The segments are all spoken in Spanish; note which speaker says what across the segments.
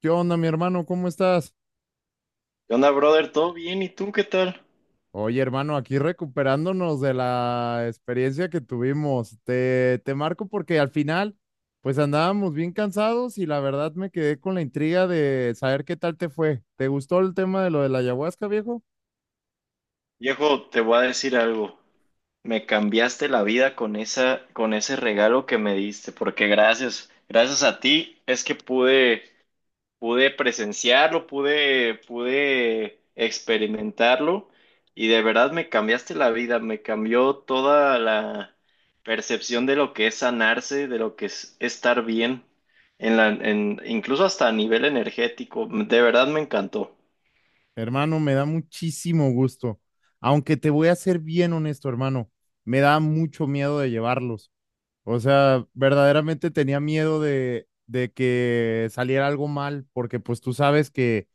Speaker 1: ¿Qué onda, mi hermano? ¿Cómo estás?
Speaker 2: ¿Qué onda, brother? ¿Todo bien? ¿Y tú qué tal?
Speaker 1: Oye, hermano, aquí recuperándonos de la experiencia que tuvimos. Te marco porque al final, pues andábamos bien cansados y la verdad me quedé con la intriga de saber qué tal te fue. ¿Te gustó el tema de lo de la ayahuasca, viejo?
Speaker 2: Viejo, te voy a decir algo. Me cambiaste la vida con ese regalo que me diste, porque gracias a ti es que pude presenciarlo, pude experimentarlo y de verdad me cambiaste la vida, me cambió toda la percepción de lo que es sanarse, de lo que es estar bien, incluso hasta a nivel energético. De verdad me encantó.
Speaker 1: Hermano, me da muchísimo gusto. Aunque te voy a ser bien honesto, hermano, me da mucho miedo de llevarlos. O sea, verdaderamente tenía miedo de que saliera algo mal, porque pues tú sabes que,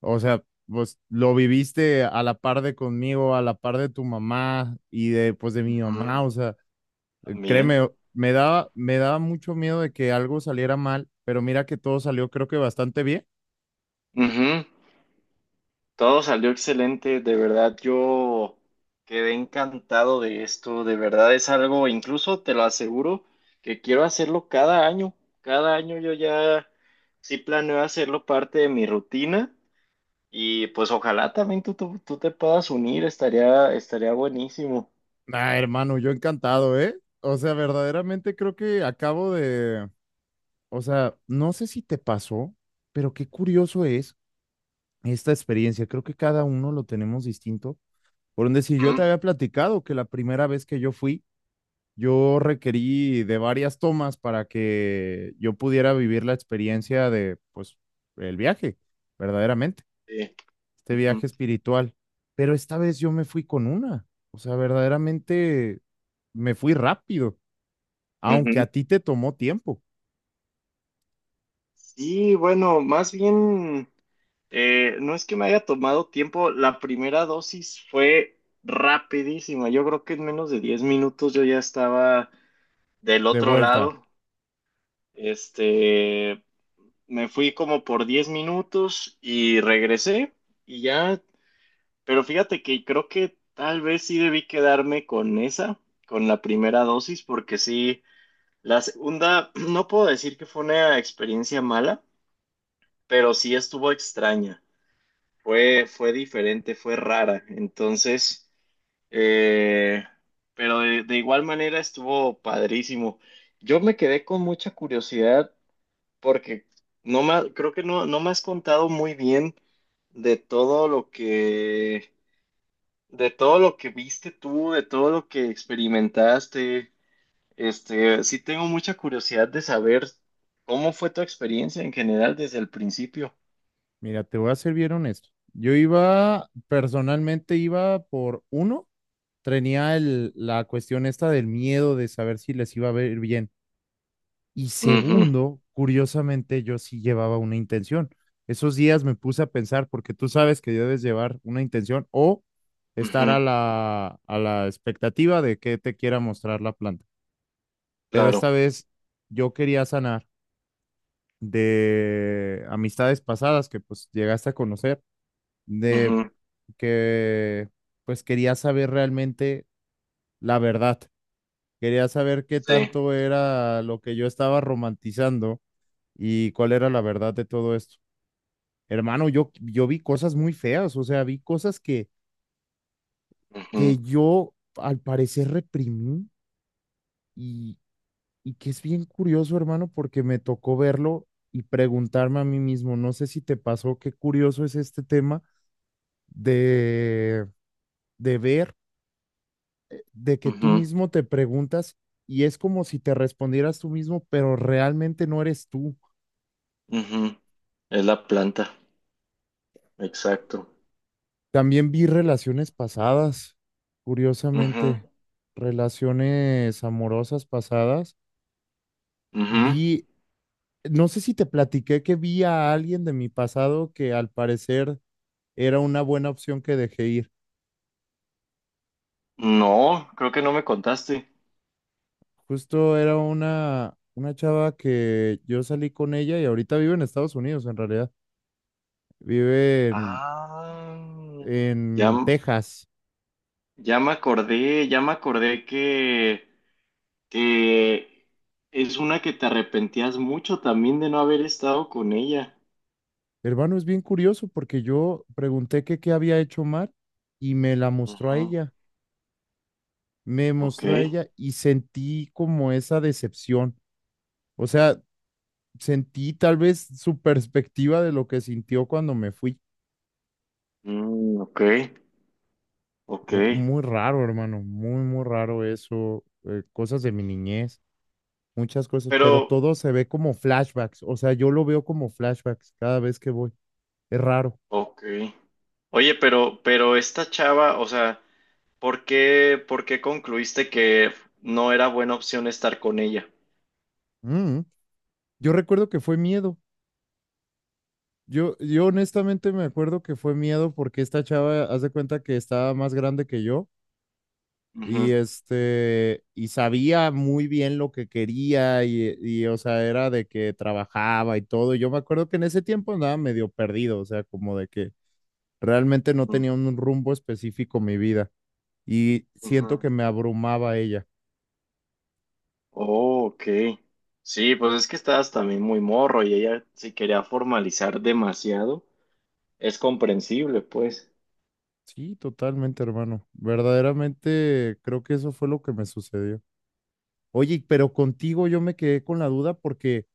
Speaker 1: o sea, pues lo viviste a la par de conmigo, a la par de tu mamá y de pues de mi
Speaker 2: Ujú.
Speaker 1: mamá, o sea,
Speaker 2: También.
Speaker 1: créeme, me daba mucho miedo de que algo saliera mal, pero mira que todo salió creo que bastante bien.
Speaker 2: Ujú. Todo salió excelente, de verdad yo quedé encantado de esto, de verdad es algo, incluso te lo aseguro, que quiero hacerlo cada año yo ya sí planeo hacerlo parte de mi rutina y pues ojalá también tú te puedas unir, estaría buenísimo.
Speaker 1: Ah, hermano, yo encantado, ¿eh? O sea, verdaderamente creo que acabo de, o sea, no sé si te pasó, pero qué curioso es esta experiencia. Creo que cada uno lo tenemos distinto. Por donde si yo te
Speaker 2: Ujú.
Speaker 1: había platicado que la primera vez que yo fui, yo requerí de varias tomas para que yo pudiera vivir la experiencia de, pues, el viaje, verdaderamente,
Speaker 2: Sí.
Speaker 1: este viaje
Speaker 2: Ujú.
Speaker 1: espiritual. Pero esta vez yo me fui con una, o sea, verdaderamente me fui rápido,
Speaker 2: Ujú.
Speaker 1: aunque a ti te tomó tiempo
Speaker 2: Sí, bueno, más bien... No es que me haya tomado tiempo, la primera dosis fue rapidísima, yo creo que en menos de 10 minutos yo ya estaba del
Speaker 1: de
Speaker 2: otro
Speaker 1: vuelta.
Speaker 2: lado. este, Me fui como por 10 minutos y regresé y ya, pero fíjate que creo que tal vez sí debí quedarme con la primera dosis, porque sí, la segunda, no puedo decir que fue una experiencia mala, pero sí estuvo extraña. Fue diferente, fue rara. Entonces, eh, pero de igual manera estuvo padrísimo. Yo me quedé con mucha curiosidad porque no me, ha- creo que no me has contado muy bien de todo lo que, de todo lo que viste tú, de todo lo que experimentaste. Este, sí tengo mucha curiosidad de saber cómo fue tu experiencia en general desde el principio.
Speaker 1: Mira, te voy a ser bien honesto. Yo iba, personalmente iba por uno, tenía la cuestión esta del miedo de saber si les iba a ver bien. Y
Speaker 2: Ujú,
Speaker 1: segundo, curiosamente, yo sí llevaba una intención. Esos días me puse a pensar, porque tú sabes que debes llevar una intención o
Speaker 2: ujú,
Speaker 1: estar a la expectativa de que te quiera mostrar la planta. Pero esta
Speaker 2: claro.
Speaker 1: vez yo quería sanar de amistades pasadas que pues llegaste a conocer, de
Speaker 2: Ujú,
Speaker 1: que pues quería saber realmente la verdad. Quería saber qué
Speaker 2: sí.
Speaker 1: tanto era lo que yo estaba romantizando. ¿Y cuál era la verdad de todo esto? Hermano, yo vi cosas muy feas, o sea, vi cosas que
Speaker 2: Ujú,
Speaker 1: yo al parecer reprimí y, y que es bien curioso, hermano, porque me tocó verlo y preguntarme a mí mismo, no sé si te pasó, qué curioso es este tema de, de ver, de que tú
Speaker 2: ujú,
Speaker 1: mismo te preguntas, y es como si te respondieras tú mismo, pero realmente no eres tú.
Speaker 2: ujú. Es la planta, exacto.
Speaker 1: También vi relaciones pasadas,
Speaker 2: Ujú,
Speaker 1: curiosamente, relaciones amorosas pasadas.
Speaker 2: ujú.
Speaker 1: Vi, no sé si te platiqué que vi a alguien de mi pasado que al parecer era una buena opción que dejé ir.
Speaker 2: No, creo que no me contaste.
Speaker 1: Justo era una chava que yo salí con ella y ahorita vive en Estados Unidos, en realidad. Vive
Speaker 2: Ah, ya,
Speaker 1: en Texas.
Speaker 2: ya me acordé, que es una que te arrepentías mucho también de no haber estado con ella.
Speaker 1: Hermano, es bien curioso porque yo pregunté que qué había hecho mal y me la mostró a
Speaker 2: Ujú.
Speaker 1: ella. Me
Speaker 2: Ok,
Speaker 1: mostró a ella y sentí como esa decepción. O sea, sentí tal vez su perspectiva de lo que sintió cuando me fui.
Speaker 2: mm, ok, ok.
Speaker 1: Muy raro, hermano, muy, muy raro eso. Cosas de mi niñez, muchas cosas,
Speaker 2: Pero,
Speaker 1: pero todo se ve como flashbacks. O sea, yo lo veo como flashbacks cada vez que voy. Es raro.
Speaker 2: ok. Oye, pero esta chava, o sea. Por qué concluiste que no era buena opción estar con ella?
Speaker 1: Mm. Yo recuerdo que fue miedo. Yo honestamente me acuerdo que fue miedo porque esta chava, haz de cuenta que estaba más grande que yo. Y
Speaker 2: Ujú,
Speaker 1: este, y sabía muy bien lo que quería y, o sea, era de que trabajaba y todo. Yo me acuerdo que en ese tiempo andaba medio perdido, o sea, como de que realmente no
Speaker 2: ujú,
Speaker 1: tenía un rumbo específico mi vida, y siento
Speaker 2: ujú.
Speaker 1: que me abrumaba ella.
Speaker 2: Oh, ok. Sí, pues es que estabas también muy morro y ella si quería formalizar demasiado, es comprensible, pues.
Speaker 1: Sí, totalmente, hermano. Verdaderamente creo que eso fue lo que me sucedió. Oye, pero contigo yo me quedé con la duda porque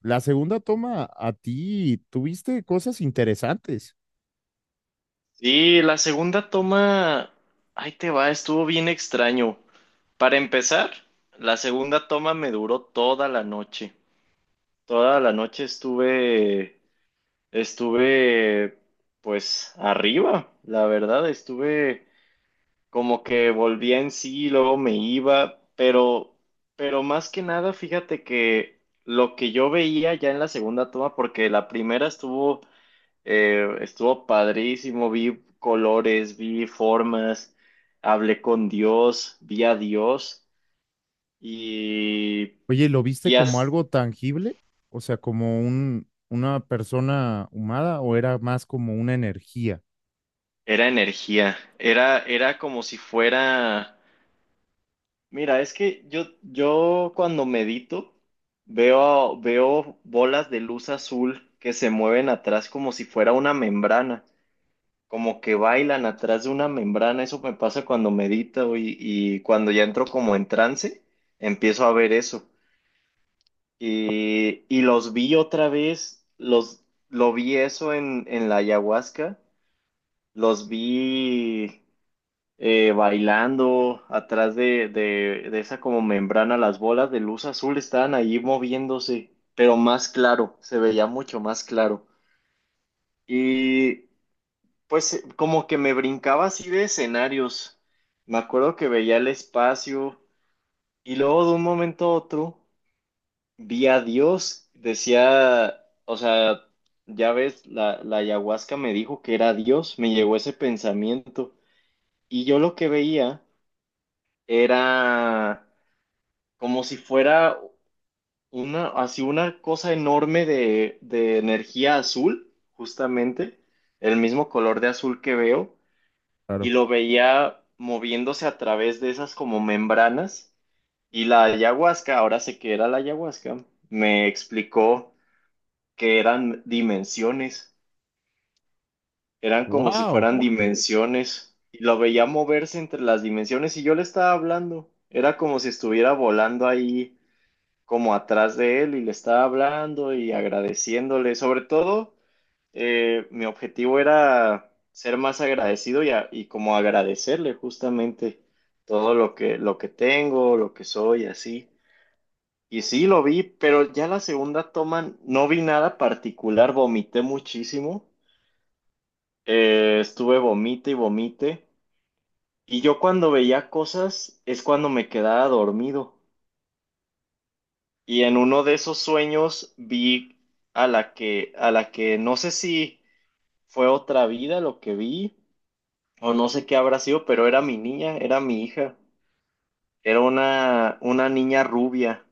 Speaker 1: la segunda toma a ti tuviste cosas interesantes.
Speaker 2: Sí, la segunda toma, ahí te va, estuvo bien extraño. Para empezar, la segunda toma me duró toda la noche. Toda la noche estuve pues arriba, la verdad, estuve como que volvía en sí, luego me iba, pero más que nada, fíjate que lo que yo veía ya en la segunda toma, porque la primera estuvo, estuvo padrísimo, vi colores, vi formas, hablé con Dios, vi a Dios y,
Speaker 1: Oye, ¿lo viste
Speaker 2: y
Speaker 1: como
Speaker 2: as-
Speaker 1: algo tangible? O sea, ¿como un, una persona humada o era más como una energía?
Speaker 2: era energía, era como si fuera... Mira, es que yo cuando medito veo bolas de luz azul que se mueven atrás como si fuera una membrana, como que bailan atrás de una membrana. Eso me pasa cuando medito y cuando ya entro como en trance, empiezo a ver eso. Y los vi otra vez, lo vi eso en la ayahuasca, los vi bailando atrás de esa como membrana, las bolas de luz azul estaban ahí moviéndose, pero más claro, se veía mucho más claro. Y pues como que me brincaba así de escenarios. Me acuerdo que veía el espacio y luego de un momento a otro vi a Dios, decía, o sea, ya ves, la ayahuasca me dijo que era Dios, me llegó ese pensamiento y yo lo que veía era como si fuera una, así una cosa enorme de energía azul, justamente, el mismo color de azul que veo, y
Speaker 1: Claro.
Speaker 2: lo veía moviéndose a través de esas como membranas, y la ayahuasca, ahora sé que era la ayahuasca, me explicó que eran dimensiones, eran como si
Speaker 1: ¡Wow!
Speaker 2: fueran dimensiones, y lo veía moverse entre las dimensiones, y yo le estaba hablando, era como si estuviera volando ahí como atrás de él y le estaba hablando y agradeciéndole. Sobre todo, mi objetivo era ser más agradecido y como agradecerle justamente todo lo que tengo, lo que soy, así. Y sí, lo vi, pero ya la segunda toma no vi nada particular, vomité muchísimo. Estuve vomite y vomite. Y yo cuando veía cosas es cuando me quedaba dormido. Y en uno de esos sueños vi a la que no sé si fue otra vida lo que vi, o no sé qué habrá sido, pero era mi niña, era mi hija. Era una niña rubia.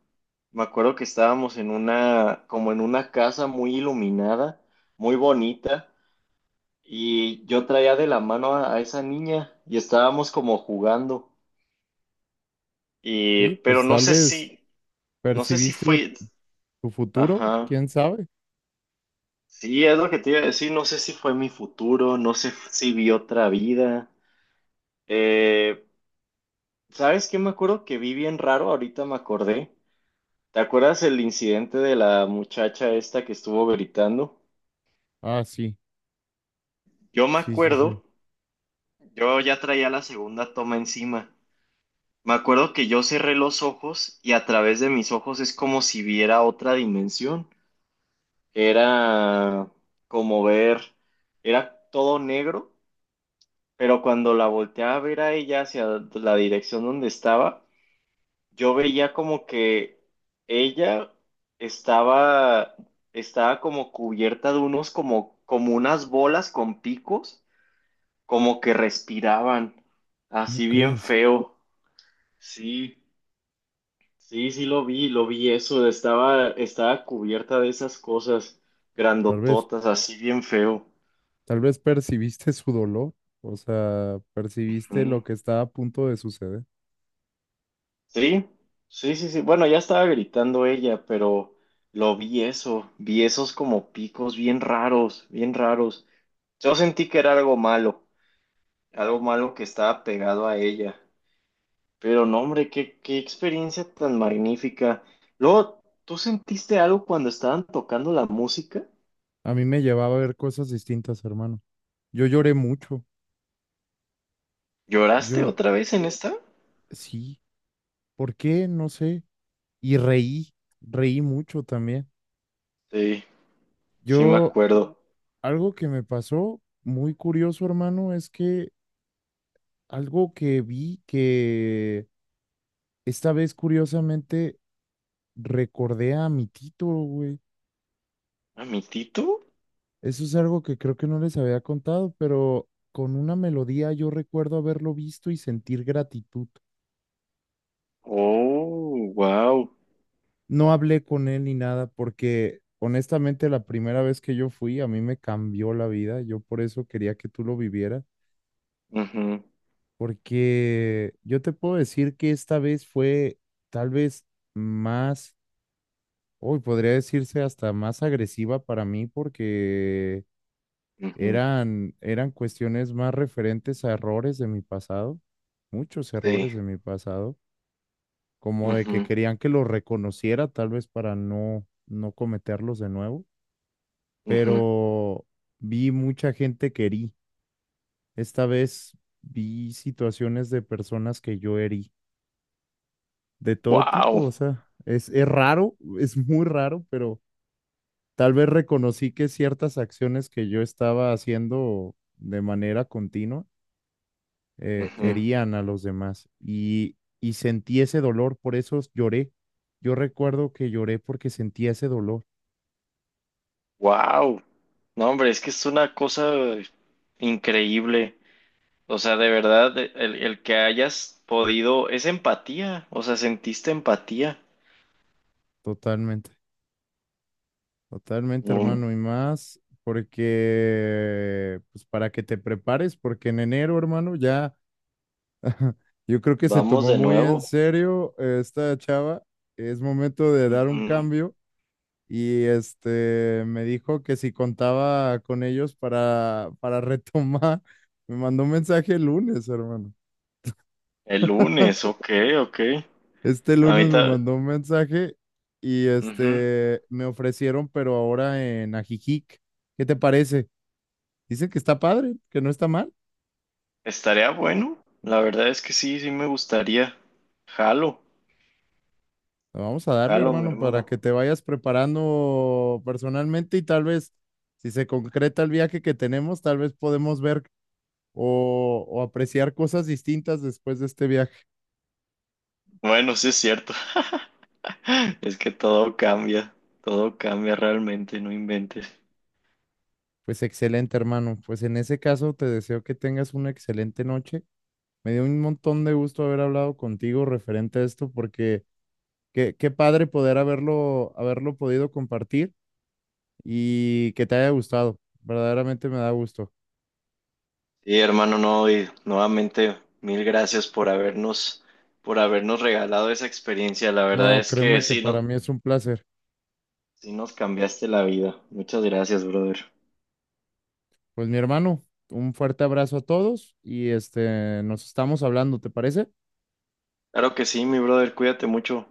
Speaker 2: Me acuerdo que estábamos en una, como en una casa muy iluminada, muy bonita, y yo traía de la mano a esa niña y estábamos como jugando. Y,
Speaker 1: Oye,
Speaker 2: pero
Speaker 1: pues
Speaker 2: no
Speaker 1: tal
Speaker 2: sé
Speaker 1: vez
Speaker 2: si, no sé si
Speaker 1: percibiste o-
Speaker 2: fue,
Speaker 1: tu futuro,
Speaker 2: ajá.
Speaker 1: quién sabe.
Speaker 2: Sí, es lo que te iba a decir. No sé si fue mi futuro, no sé si vi otra vida. Eh, ¿Sabes qué? Me acuerdo que vi bien raro, ahorita me acordé. ¿Te acuerdas el incidente de la muchacha esta que estuvo gritando?
Speaker 1: Ah, sí,
Speaker 2: Yo me
Speaker 1: sí, sí, sí.
Speaker 2: acuerdo, yo ya traía la segunda toma encima. Me acuerdo que yo cerré los ojos y a través de mis ojos es como si viera otra dimensión. Era como ver, era todo negro. Pero cuando la volteaba a ver a ella hacia la dirección donde estaba, yo veía como que ella estaba, estaba como cubierta de unos como, como unas bolas con picos, como que respiraban,
Speaker 1: ¿Cómo
Speaker 2: así bien
Speaker 1: crees?
Speaker 2: feo. Sí, sí lo vi eso, estaba cubierta de esas cosas
Speaker 1: Tal vez,
Speaker 2: grandototas, así bien feo.
Speaker 1: tal vez percibiste su dolor. O sea, percibiste lo
Speaker 2: Ujú.
Speaker 1: que estaba a punto de suceder.
Speaker 2: Sí, sí, sí, sí. Bueno, ya estaba gritando ella, pero lo vi eso, vi esos como picos bien raros, bien raros. Yo sentí que era algo malo que estaba pegado a ella. Pero no, hombre, qué experiencia tan magnífica. Luego, ¿tú sentiste algo cuando estaban tocando la música?
Speaker 1: A mí me llevaba a ver cosas distintas, hermano. Yo lloré mucho.
Speaker 2: ¿Lloraste
Speaker 1: Yo,
Speaker 2: otra vez en esta?
Speaker 1: sí. ¿Por qué? No sé. Y reí, reí mucho también.
Speaker 2: Sí, sí me
Speaker 1: Yo,
Speaker 2: acuerdo.
Speaker 1: algo que me pasó muy curioso, hermano, es que algo que vi, que esta vez curiosamente recordé a mi Tito, güey.
Speaker 2: ¿A mi Tito?
Speaker 1: Eso es algo que creo que no les había contado, pero con una melodía yo recuerdo haberlo visto y sentir gratitud.
Speaker 2: Oh, wow.
Speaker 1: No hablé con él ni nada porque honestamente la primera vez que yo fui a mí me cambió la vida. Yo por eso quería que tú lo vivieras,
Speaker 2: Mhm,
Speaker 1: porque yo te puedo decir que esta vez fue tal vez más, hoy podría decirse hasta más agresiva para mí, porque
Speaker 2: mhm,
Speaker 1: eran cuestiones más referentes a errores de mi pasado, muchos
Speaker 2: sí.
Speaker 1: errores de mi pasado, como de que
Speaker 2: Mhm,
Speaker 1: querían que los reconociera tal vez para no cometerlos de nuevo,
Speaker 2: mhm.
Speaker 1: pero vi mucha gente que herí. Esta vez vi situaciones de personas que yo herí, de todo tipo, o
Speaker 2: Wow.
Speaker 1: sea, es raro, es muy raro, pero tal vez reconocí que ciertas acciones que yo estaba haciendo de manera continua
Speaker 2: Ujú.
Speaker 1: herían a los demás y sentí ese dolor, por eso lloré. Yo recuerdo que lloré porque sentí ese dolor,
Speaker 2: Wow. No, hombre, es que es una cosa increíble. O sea, de verdad, el que hayas podido, es empatía. O sea, sentiste empatía.
Speaker 1: totalmente, totalmente,
Speaker 2: Mm.
Speaker 1: hermano, y más porque, pues para que te prepares, porque en enero, hermano, ya yo creo que se
Speaker 2: Vamos
Speaker 1: tomó
Speaker 2: de
Speaker 1: muy en
Speaker 2: nuevo.
Speaker 1: serio esta chava. Es momento de dar un
Speaker 2: Ujú.
Speaker 1: cambio. Y este me dijo que si contaba con ellos para retomar, me mandó un mensaje el lunes, hermano.
Speaker 2: El lunes, ok, ok.
Speaker 1: Este lunes me
Speaker 2: Ahorita,
Speaker 1: mandó un mensaje y
Speaker 2: ujú.
Speaker 1: este me ofrecieron, pero ahora en Ajijic. ¿Qué te parece? Dicen que está padre, que no está mal.
Speaker 2: Estaría bueno. La verdad es que sí, sí me gustaría. Jalo,
Speaker 1: Vamos a darle,
Speaker 2: jalo, mi
Speaker 1: hermano, para que
Speaker 2: hermano.
Speaker 1: te vayas preparando personalmente y tal vez, si se concreta el viaje que tenemos, tal vez podemos ver o apreciar cosas distintas después de este viaje.
Speaker 2: Bueno, sí es cierto. Es que todo cambia realmente, no inventes.
Speaker 1: Pues excelente, hermano. Pues en ese caso, te deseo que tengas una excelente noche. Me dio un montón de gusto haber hablado contigo referente a esto, porque qué, qué padre poder haberlo podido compartir y que te haya gustado. Verdaderamente me da gusto.
Speaker 2: Sí, hermano, no, y nuevamente mil gracias por habernos regalado esa experiencia. La verdad
Speaker 1: No,
Speaker 2: es que
Speaker 1: créeme que
Speaker 2: sí,
Speaker 1: para
Speaker 2: no,
Speaker 1: mí es un placer.
Speaker 2: sí nos cambiaste la vida. Muchas gracias, brother.
Speaker 1: Pues mi hermano, un fuerte abrazo a todos y este, nos estamos hablando, ¿te parece?
Speaker 2: Claro que sí, mi brother, cuídate mucho.